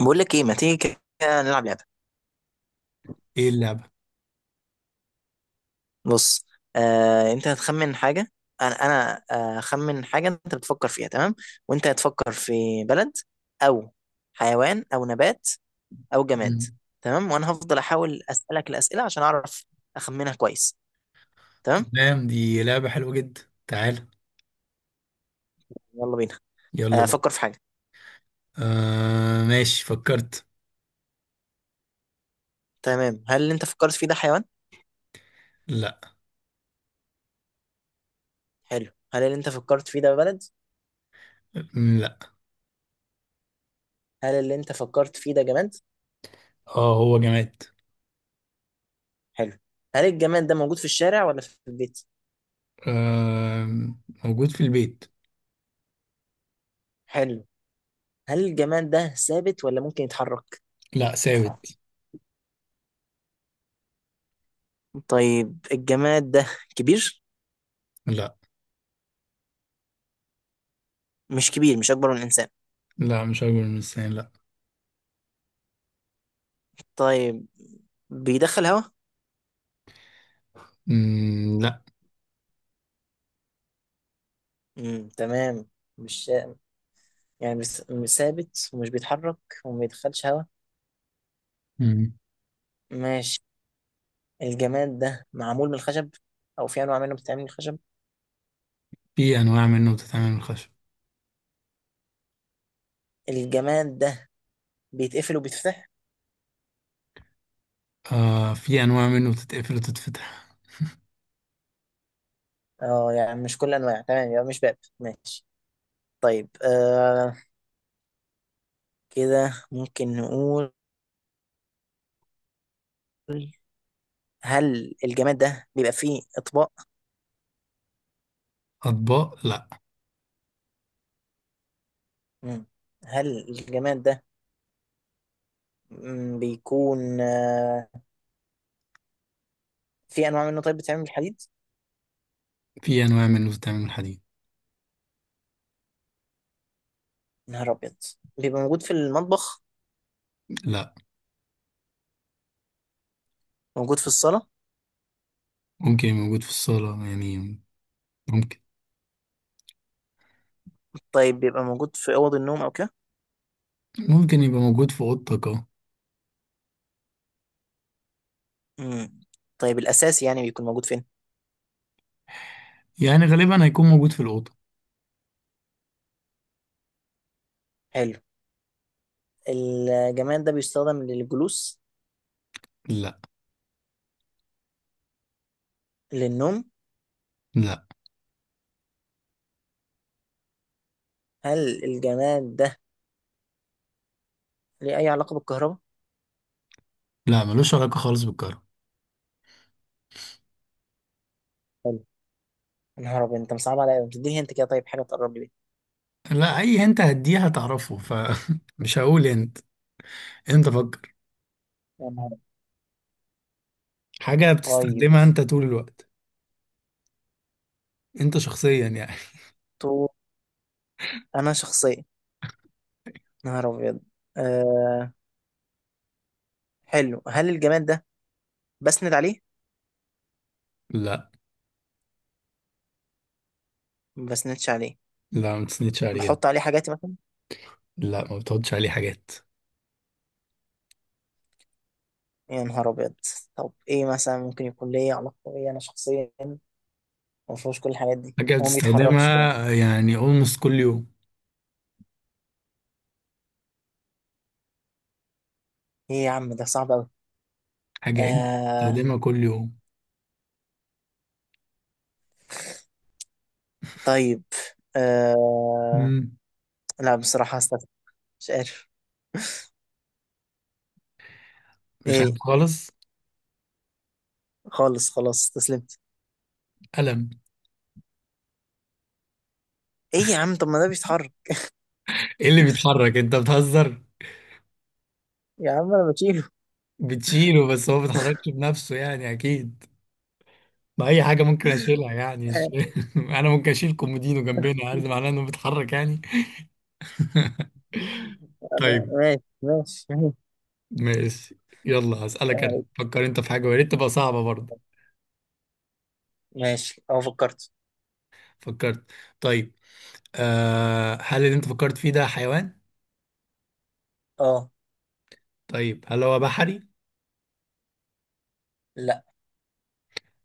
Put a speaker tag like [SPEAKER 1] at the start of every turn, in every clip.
[SPEAKER 1] بقول لك ايه، ما تيجي كده نلعب لعبه.
[SPEAKER 2] ايه اللعبة؟
[SPEAKER 1] بص. انت هتخمن حاجه. انا هخمن حاجه انت بتفكر فيها. تمام، وانت هتفكر في بلد او حيوان او نبات او جماد.
[SPEAKER 2] مم.
[SPEAKER 1] تمام، وانا هفضل احاول اسالك الاسئله عشان اعرف اخمنها كويس. تمام،
[SPEAKER 2] تمام، دي لعبة حلوة جدا. تعال.
[SPEAKER 1] يلا بينا.
[SPEAKER 2] يلا بينا.
[SPEAKER 1] فكر في حاجه.
[SPEAKER 2] آه، ماشي، فكرت.
[SPEAKER 1] تمام، هل اللي انت فكرت فيه ده حيوان؟
[SPEAKER 2] لا.
[SPEAKER 1] حلو، هل اللي انت فكرت فيه ده بلد؟
[SPEAKER 2] لا.
[SPEAKER 1] هل اللي انت فكرت فيه ده جماد؟
[SPEAKER 2] اه، هو جماد.
[SPEAKER 1] حلو، هل الجماد ده موجود في الشارع ولا في البيت؟
[SPEAKER 2] آه، موجود في البيت.
[SPEAKER 1] حلو، هل الجماد ده ثابت ولا ممكن يتحرك؟
[SPEAKER 2] لا، ثابت.
[SPEAKER 1] طيب، الجماد ده كبير؟
[SPEAKER 2] لا،
[SPEAKER 1] مش كبير؟ مش اكبر من الانسان؟
[SPEAKER 2] لا، مش أكبر من السنة، لا.
[SPEAKER 1] طيب، بيدخل هواء؟
[SPEAKER 2] لا.
[SPEAKER 1] تمام. مش يعني بس- مش ثابت ومش بيتحرك وما بيدخلش هواء.
[SPEAKER 2] مم.
[SPEAKER 1] ماشي، الجماد ده معمول من الخشب او في انواع منه بتتعمل من الخشب؟
[SPEAKER 2] في أنواع منه بتتعمل من الخشب.
[SPEAKER 1] الجماد ده بيتقفل وبيتفتح؟
[SPEAKER 2] آه، في أنواع منه بتتقفل وتتفتح
[SPEAKER 1] اه، يعني مش كل انواع. تمام، يبقى مش باب. ماشي. طيب، كده ممكن نقول: هل الجماد ده بيبقى فيه اطباق؟
[SPEAKER 2] أطباق؟ لا.
[SPEAKER 1] مم. هل الجماد ده بيكون، في انواع منه، طيب، بتعمل بالحديد؟
[SPEAKER 2] في أنواع منه بتتعمل من الحديد.
[SPEAKER 1] نهار ابيض. بيبقى موجود في المطبخ؟
[SPEAKER 2] لا.
[SPEAKER 1] موجود في الصاله؟
[SPEAKER 2] ممكن يبقى موجود في الصالة يعني، ممكن.
[SPEAKER 1] طيب بيبقى موجود في اوض النوم او كده؟
[SPEAKER 2] ممكن يبقى موجود في اوضتك، اه.
[SPEAKER 1] مم. طيب الاساسي يعني بيكون موجود فين؟
[SPEAKER 2] يعني غالبا هيكون موجود في الاوضه.
[SPEAKER 1] حلو. الجماد ده بيستخدم للجلوس؟
[SPEAKER 2] لا
[SPEAKER 1] للنوم؟
[SPEAKER 2] لا.
[SPEAKER 1] هل الجماد ده ليه اي علاقه بالكهرباء؟
[SPEAKER 2] لا، ملوش علاقه خالص بالكهرباء.
[SPEAKER 1] حلو. نهار ابيض، انت مصعب عليا أوي. بتديني انت كده، طيب حاجه تقرب لي بيها.
[SPEAKER 2] لا، اي انت هديه هتعرفه فمش هقول. انت فكر.
[SPEAKER 1] يا نهار أبيض.
[SPEAKER 2] حاجه
[SPEAKER 1] طيب.
[SPEAKER 2] بتستخدمها انت طول الوقت، انت شخصيا يعني.
[SPEAKER 1] تو انا شخصيا. نهار ابيض. أه حلو، هل الجماد ده بسند عليه؟
[SPEAKER 2] لا.
[SPEAKER 1] ما بسندش عليه.
[SPEAKER 2] لا، ما بتسندش عليه ده.
[SPEAKER 1] بحط عليه حاجاتي مثلا؟
[SPEAKER 2] لا، ما بتحطش عليه حاجات.
[SPEAKER 1] يا نهار ابيض. طب ايه مثلا ممكن يكون ليا علاقه بيا انا شخصيا؟ ما فيهوش كل الحاجات دي،
[SPEAKER 2] حاجه
[SPEAKER 1] هو ما بيتحركش كمان.
[SPEAKER 2] بتستخدمها يعني almost كل يوم.
[SPEAKER 1] ايه يا عم ده صعب قوي.
[SPEAKER 2] حاجه انت
[SPEAKER 1] آه
[SPEAKER 2] بتستخدمها كل يوم.
[SPEAKER 1] طيب، آه
[SPEAKER 2] مم.
[SPEAKER 1] لا، بصراحه هستسلم. مش عارف
[SPEAKER 2] مش
[SPEAKER 1] ايه.
[SPEAKER 2] عارف خالص.
[SPEAKER 1] خالص، خلاص استسلمت.
[SPEAKER 2] قلم.
[SPEAKER 1] ايه يا عم، طب ما ده بيتحرك.
[SPEAKER 2] ايه اللي بيتحرك؟ انت بتهزر.
[SPEAKER 1] يا عم انا بشيله.
[SPEAKER 2] بتشيله، بس هو ما بيتحركش بنفسه يعني اكيد. ما اي حاجه ممكن اشيلها يعني، انا ممكن اشيل كومودينو جنبنا،
[SPEAKER 1] آه،
[SPEAKER 2] يعني ده معناه انه بيتحرك يعني.
[SPEAKER 1] انا
[SPEAKER 2] طيب.
[SPEAKER 1] ماشي ماشي ماشي.
[SPEAKER 2] ماشي. يلا، هسألك انا،
[SPEAKER 1] آه،
[SPEAKER 2] فكر انت في حاجه، ويا ريت تبقى صعبه برضه.
[SPEAKER 1] ماشي. اه فكرت.
[SPEAKER 2] فكرت. طيب. آه، هل اللي انت فكرت فيه ده حيوان؟
[SPEAKER 1] اه.
[SPEAKER 2] طيب، هل هو بحري؟
[SPEAKER 1] لا.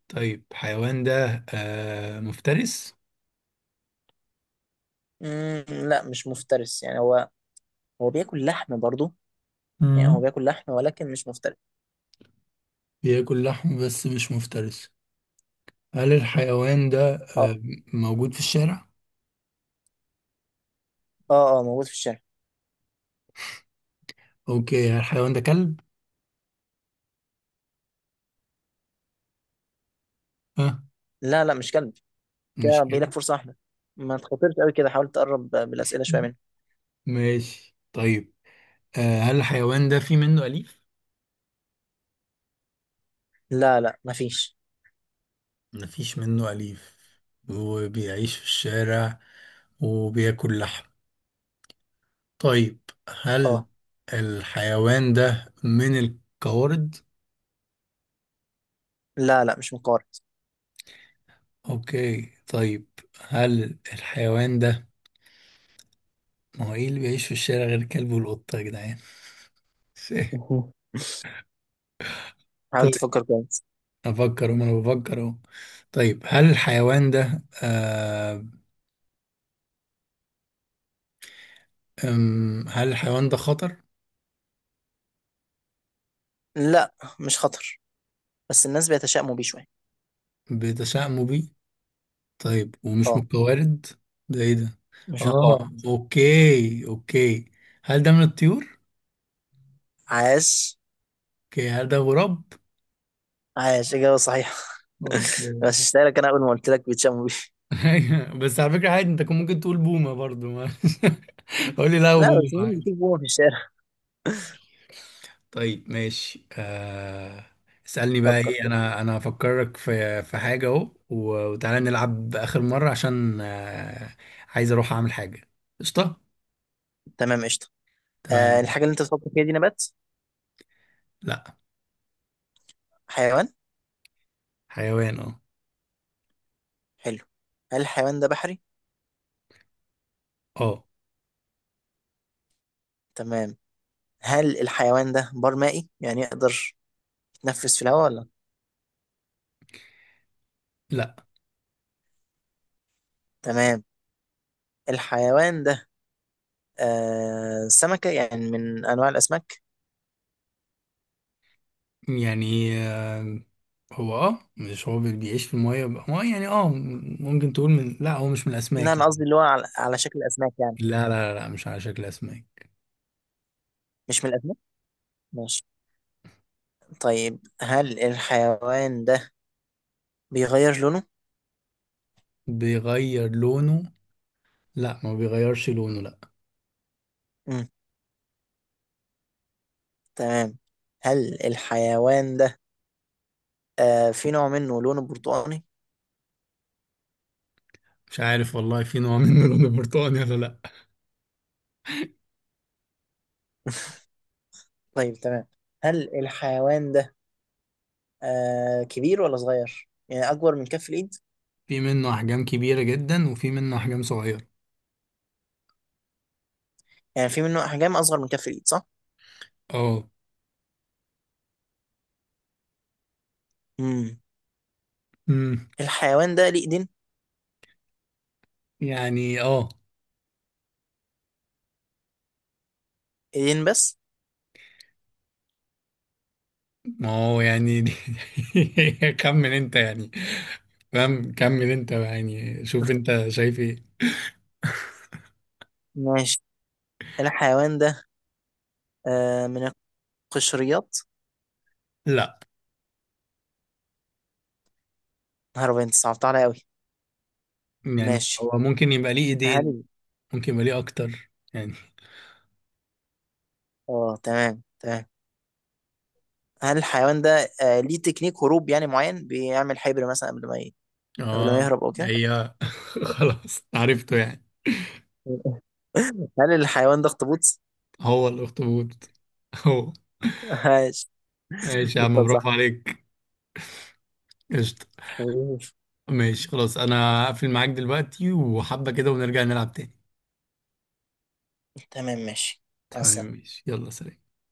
[SPEAKER 2] طيب، حيوان ده مفترس؟
[SPEAKER 1] لا مش مفترس، يعني هو هو بياكل لحم برضو. يعني هو
[SPEAKER 2] مم.
[SPEAKER 1] بياكل لحم ولكن مش مفترس.
[SPEAKER 2] بياكل لحم بس مش مفترس؟ هل الحيوان ده
[SPEAKER 1] اه
[SPEAKER 2] موجود في الشارع؟
[SPEAKER 1] اه اه، موجود في الشارع.
[SPEAKER 2] اوكي، هل الحيوان ده كلب؟ ها؟
[SPEAKER 1] لا لا مش كلب.
[SPEAKER 2] مش
[SPEAKER 1] كده باقي
[SPEAKER 2] كلب.
[SPEAKER 1] لك فرصة واحدة. ما تخاطرش قوي كده، حاول تقرب بالأسئلة شوية منه.
[SPEAKER 2] ماشي، طيب، هل الحيوان ده في منه أليف؟
[SPEAKER 1] لا لا مفيش.
[SPEAKER 2] مفيش منه أليف، وبيعيش في الشارع، وبياكل لحم. طيب، هل
[SPEAKER 1] اه.
[SPEAKER 2] الحيوان ده من القوارض؟
[SPEAKER 1] لا لا مش مقارب.
[SPEAKER 2] أوكي، طيب. هل الحيوان ده ما هو إيه اللي بيعيش في الشارع غير الكلب والقطة يا جدعان؟
[SPEAKER 1] مهم. حاول
[SPEAKER 2] طيب،
[SPEAKER 1] تفكر كويس.
[SPEAKER 2] أفكر، وما أنا بفكر أهو. طيب، هل الحيوان ده خطر؟
[SPEAKER 1] لا مش خطر، بس الناس بيتشائموا بيه شوية.
[SPEAKER 2] بتشائموا بيه؟ طيب، ومش
[SPEAKER 1] اه
[SPEAKER 2] متوارد. ده ايه ده؟
[SPEAKER 1] مش مقارب.
[SPEAKER 2] اه، اوكي، اوكي. هل ده من الطيور؟
[SPEAKER 1] عاش.
[SPEAKER 2] اوكي، هل ده غراب؟
[SPEAKER 1] عاش، إجابة صحيحة.
[SPEAKER 2] اوكي.
[SPEAKER 1] غششتها لك، أنا أول ما قلت لك بيتشائموا بيه.
[SPEAKER 2] أيوة، بس على فكرة عادي، انت كان ممكن تقول بومة برضو، ما قول لي لا،
[SPEAKER 1] لا
[SPEAKER 2] بومة
[SPEAKER 1] بس مين
[SPEAKER 2] عادي.
[SPEAKER 1] بيشوف بومة في الشارع.
[SPEAKER 2] طيب، ماشي. اسألني بقى.
[SPEAKER 1] فكر
[SPEAKER 2] ايه،
[SPEAKER 1] كده.
[SPEAKER 2] انا هفكرك في حاجة اهو، وتعالى نلعب آخر مرة، عشان عايز اروح اعمل حاجة. قشطة.
[SPEAKER 1] تمام، قشطة.
[SPEAKER 2] تمام.
[SPEAKER 1] الحاجة اللي أنت بتفكر فيها دي نبات؟
[SPEAKER 2] لا.
[SPEAKER 1] حيوان؟
[SPEAKER 2] حيوان، اه.
[SPEAKER 1] حلو. هل الحيوان ده بحري؟
[SPEAKER 2] اه.
[SPEAKER 1] تمام. هل الحيوان ده بار مائي؟ يعني يقدر يتنفس في الهواء ولا؟
[SPEAKER 2] لا.
[SPEAKER 1] تمام. الحيوان ده سمكة، يعني من أنواع الأسماك؟
[SPEAKER 2] يعني هو اه مش هو بي- بيعيش في المية، هو يعني ممكن تقول لا، هو مش من
[SPEAKER 1] لا
[SPEAKER 2] الأسماك
[SPEAKER 1] أنا قصدي
[SPEAKER 2] يعني.
[SPEAKER 1] اللي هو على شكل أسماك يعني.
[SPEAKER 2] لا، لا، لا، لا، مش على شكل أسماك.
[SPEAKER 1] مش من الأسماك؟ ماشي. طيب هل الحيوان ده بيغير لونه؟
[SPEAKER 2] بيغير لونه؟ لا، ما بيغيرش لونه، لا.
[SPEAKER 1] مم. تمام. هل الحيوان ده في نوع منه لونه برتقاني؟
[SPEAKER 2] مش عارف والله، في نوع منه لونه برتقاني ولا لا.
[SPEAKER 1] طيب تمام. هل الحيوان ده كبير ولا صغير؟ يعني أكبر من كف الإيد؟
[SPEAKER 2] في منه أحجام كبيرة جدا، وفي منه أحجام صغيرة.
[SPEAKER 1] يعني في منه أحجام أصغر من كف الإيد صح؟
[SPEAKER 2] اه،
[SPEAKER 1] امم
[SPEAKER 2] امم
[SPEAKER 1] الحيوان ده ليه إيدين؟
[SPEAKER 2] يعني
[SPEAKER 1] إيدين بس؟
[SPEAKER 2] ما هو يعني كمل انت يعني. فاهم، كمل انت يعني، شوف انت شايف ايه.
[SPEAKER 1] ماشي. الحيوان ده من القشريات؟
[SPEAKER 2] لا،
[SPEAKER 1] نهار أبيض، أنت صعبت عليا أوي.
[SPEAKER 2] يعني
[SPEAKER 1] ماشي.
[SPEAKER 2] هو ممكن يبقى ليه ايدين.
[SPEAKER 1] هل
[SPEAKER 2] ممكن يبقى ليه اكتر يعني.
[SPEAKER 1] آه تمام تمام. هل الحيوان ده ليه تكنيك هروب يعني معين، بيعمل حبر مثلا قبل ما
[SPEAKER 2] اه.
[SPEAKER 1] يهرب أو كده؟
[SPEAKER 2] هي خلاص عرفته يعني.
[SPEAKER 1] هل الحيوان ده أخطبوط؟
[SPEAKER 2] هو الاخطبوط، هو.
[SPEAKER 1] ماشي.
[SPEAKER 2] ماشي يا عم،
[SPEAKER 1] يبقى
[SPEAKER 2] برافو
[SPEAKER 1] صح.
[SPEAKER 2] عليك. قشطة. ماشي، خلاص، انا هقفل معاك دلوقتي وحبة كده، ونرجع نلعب تاني.
[SPEAKER 1] تمام ماشي. مع
[SPEAKER 2] تمام،
[SPEAKER 1] السلامة.
[SPEAKER 2] ماشي، يلا، سلام.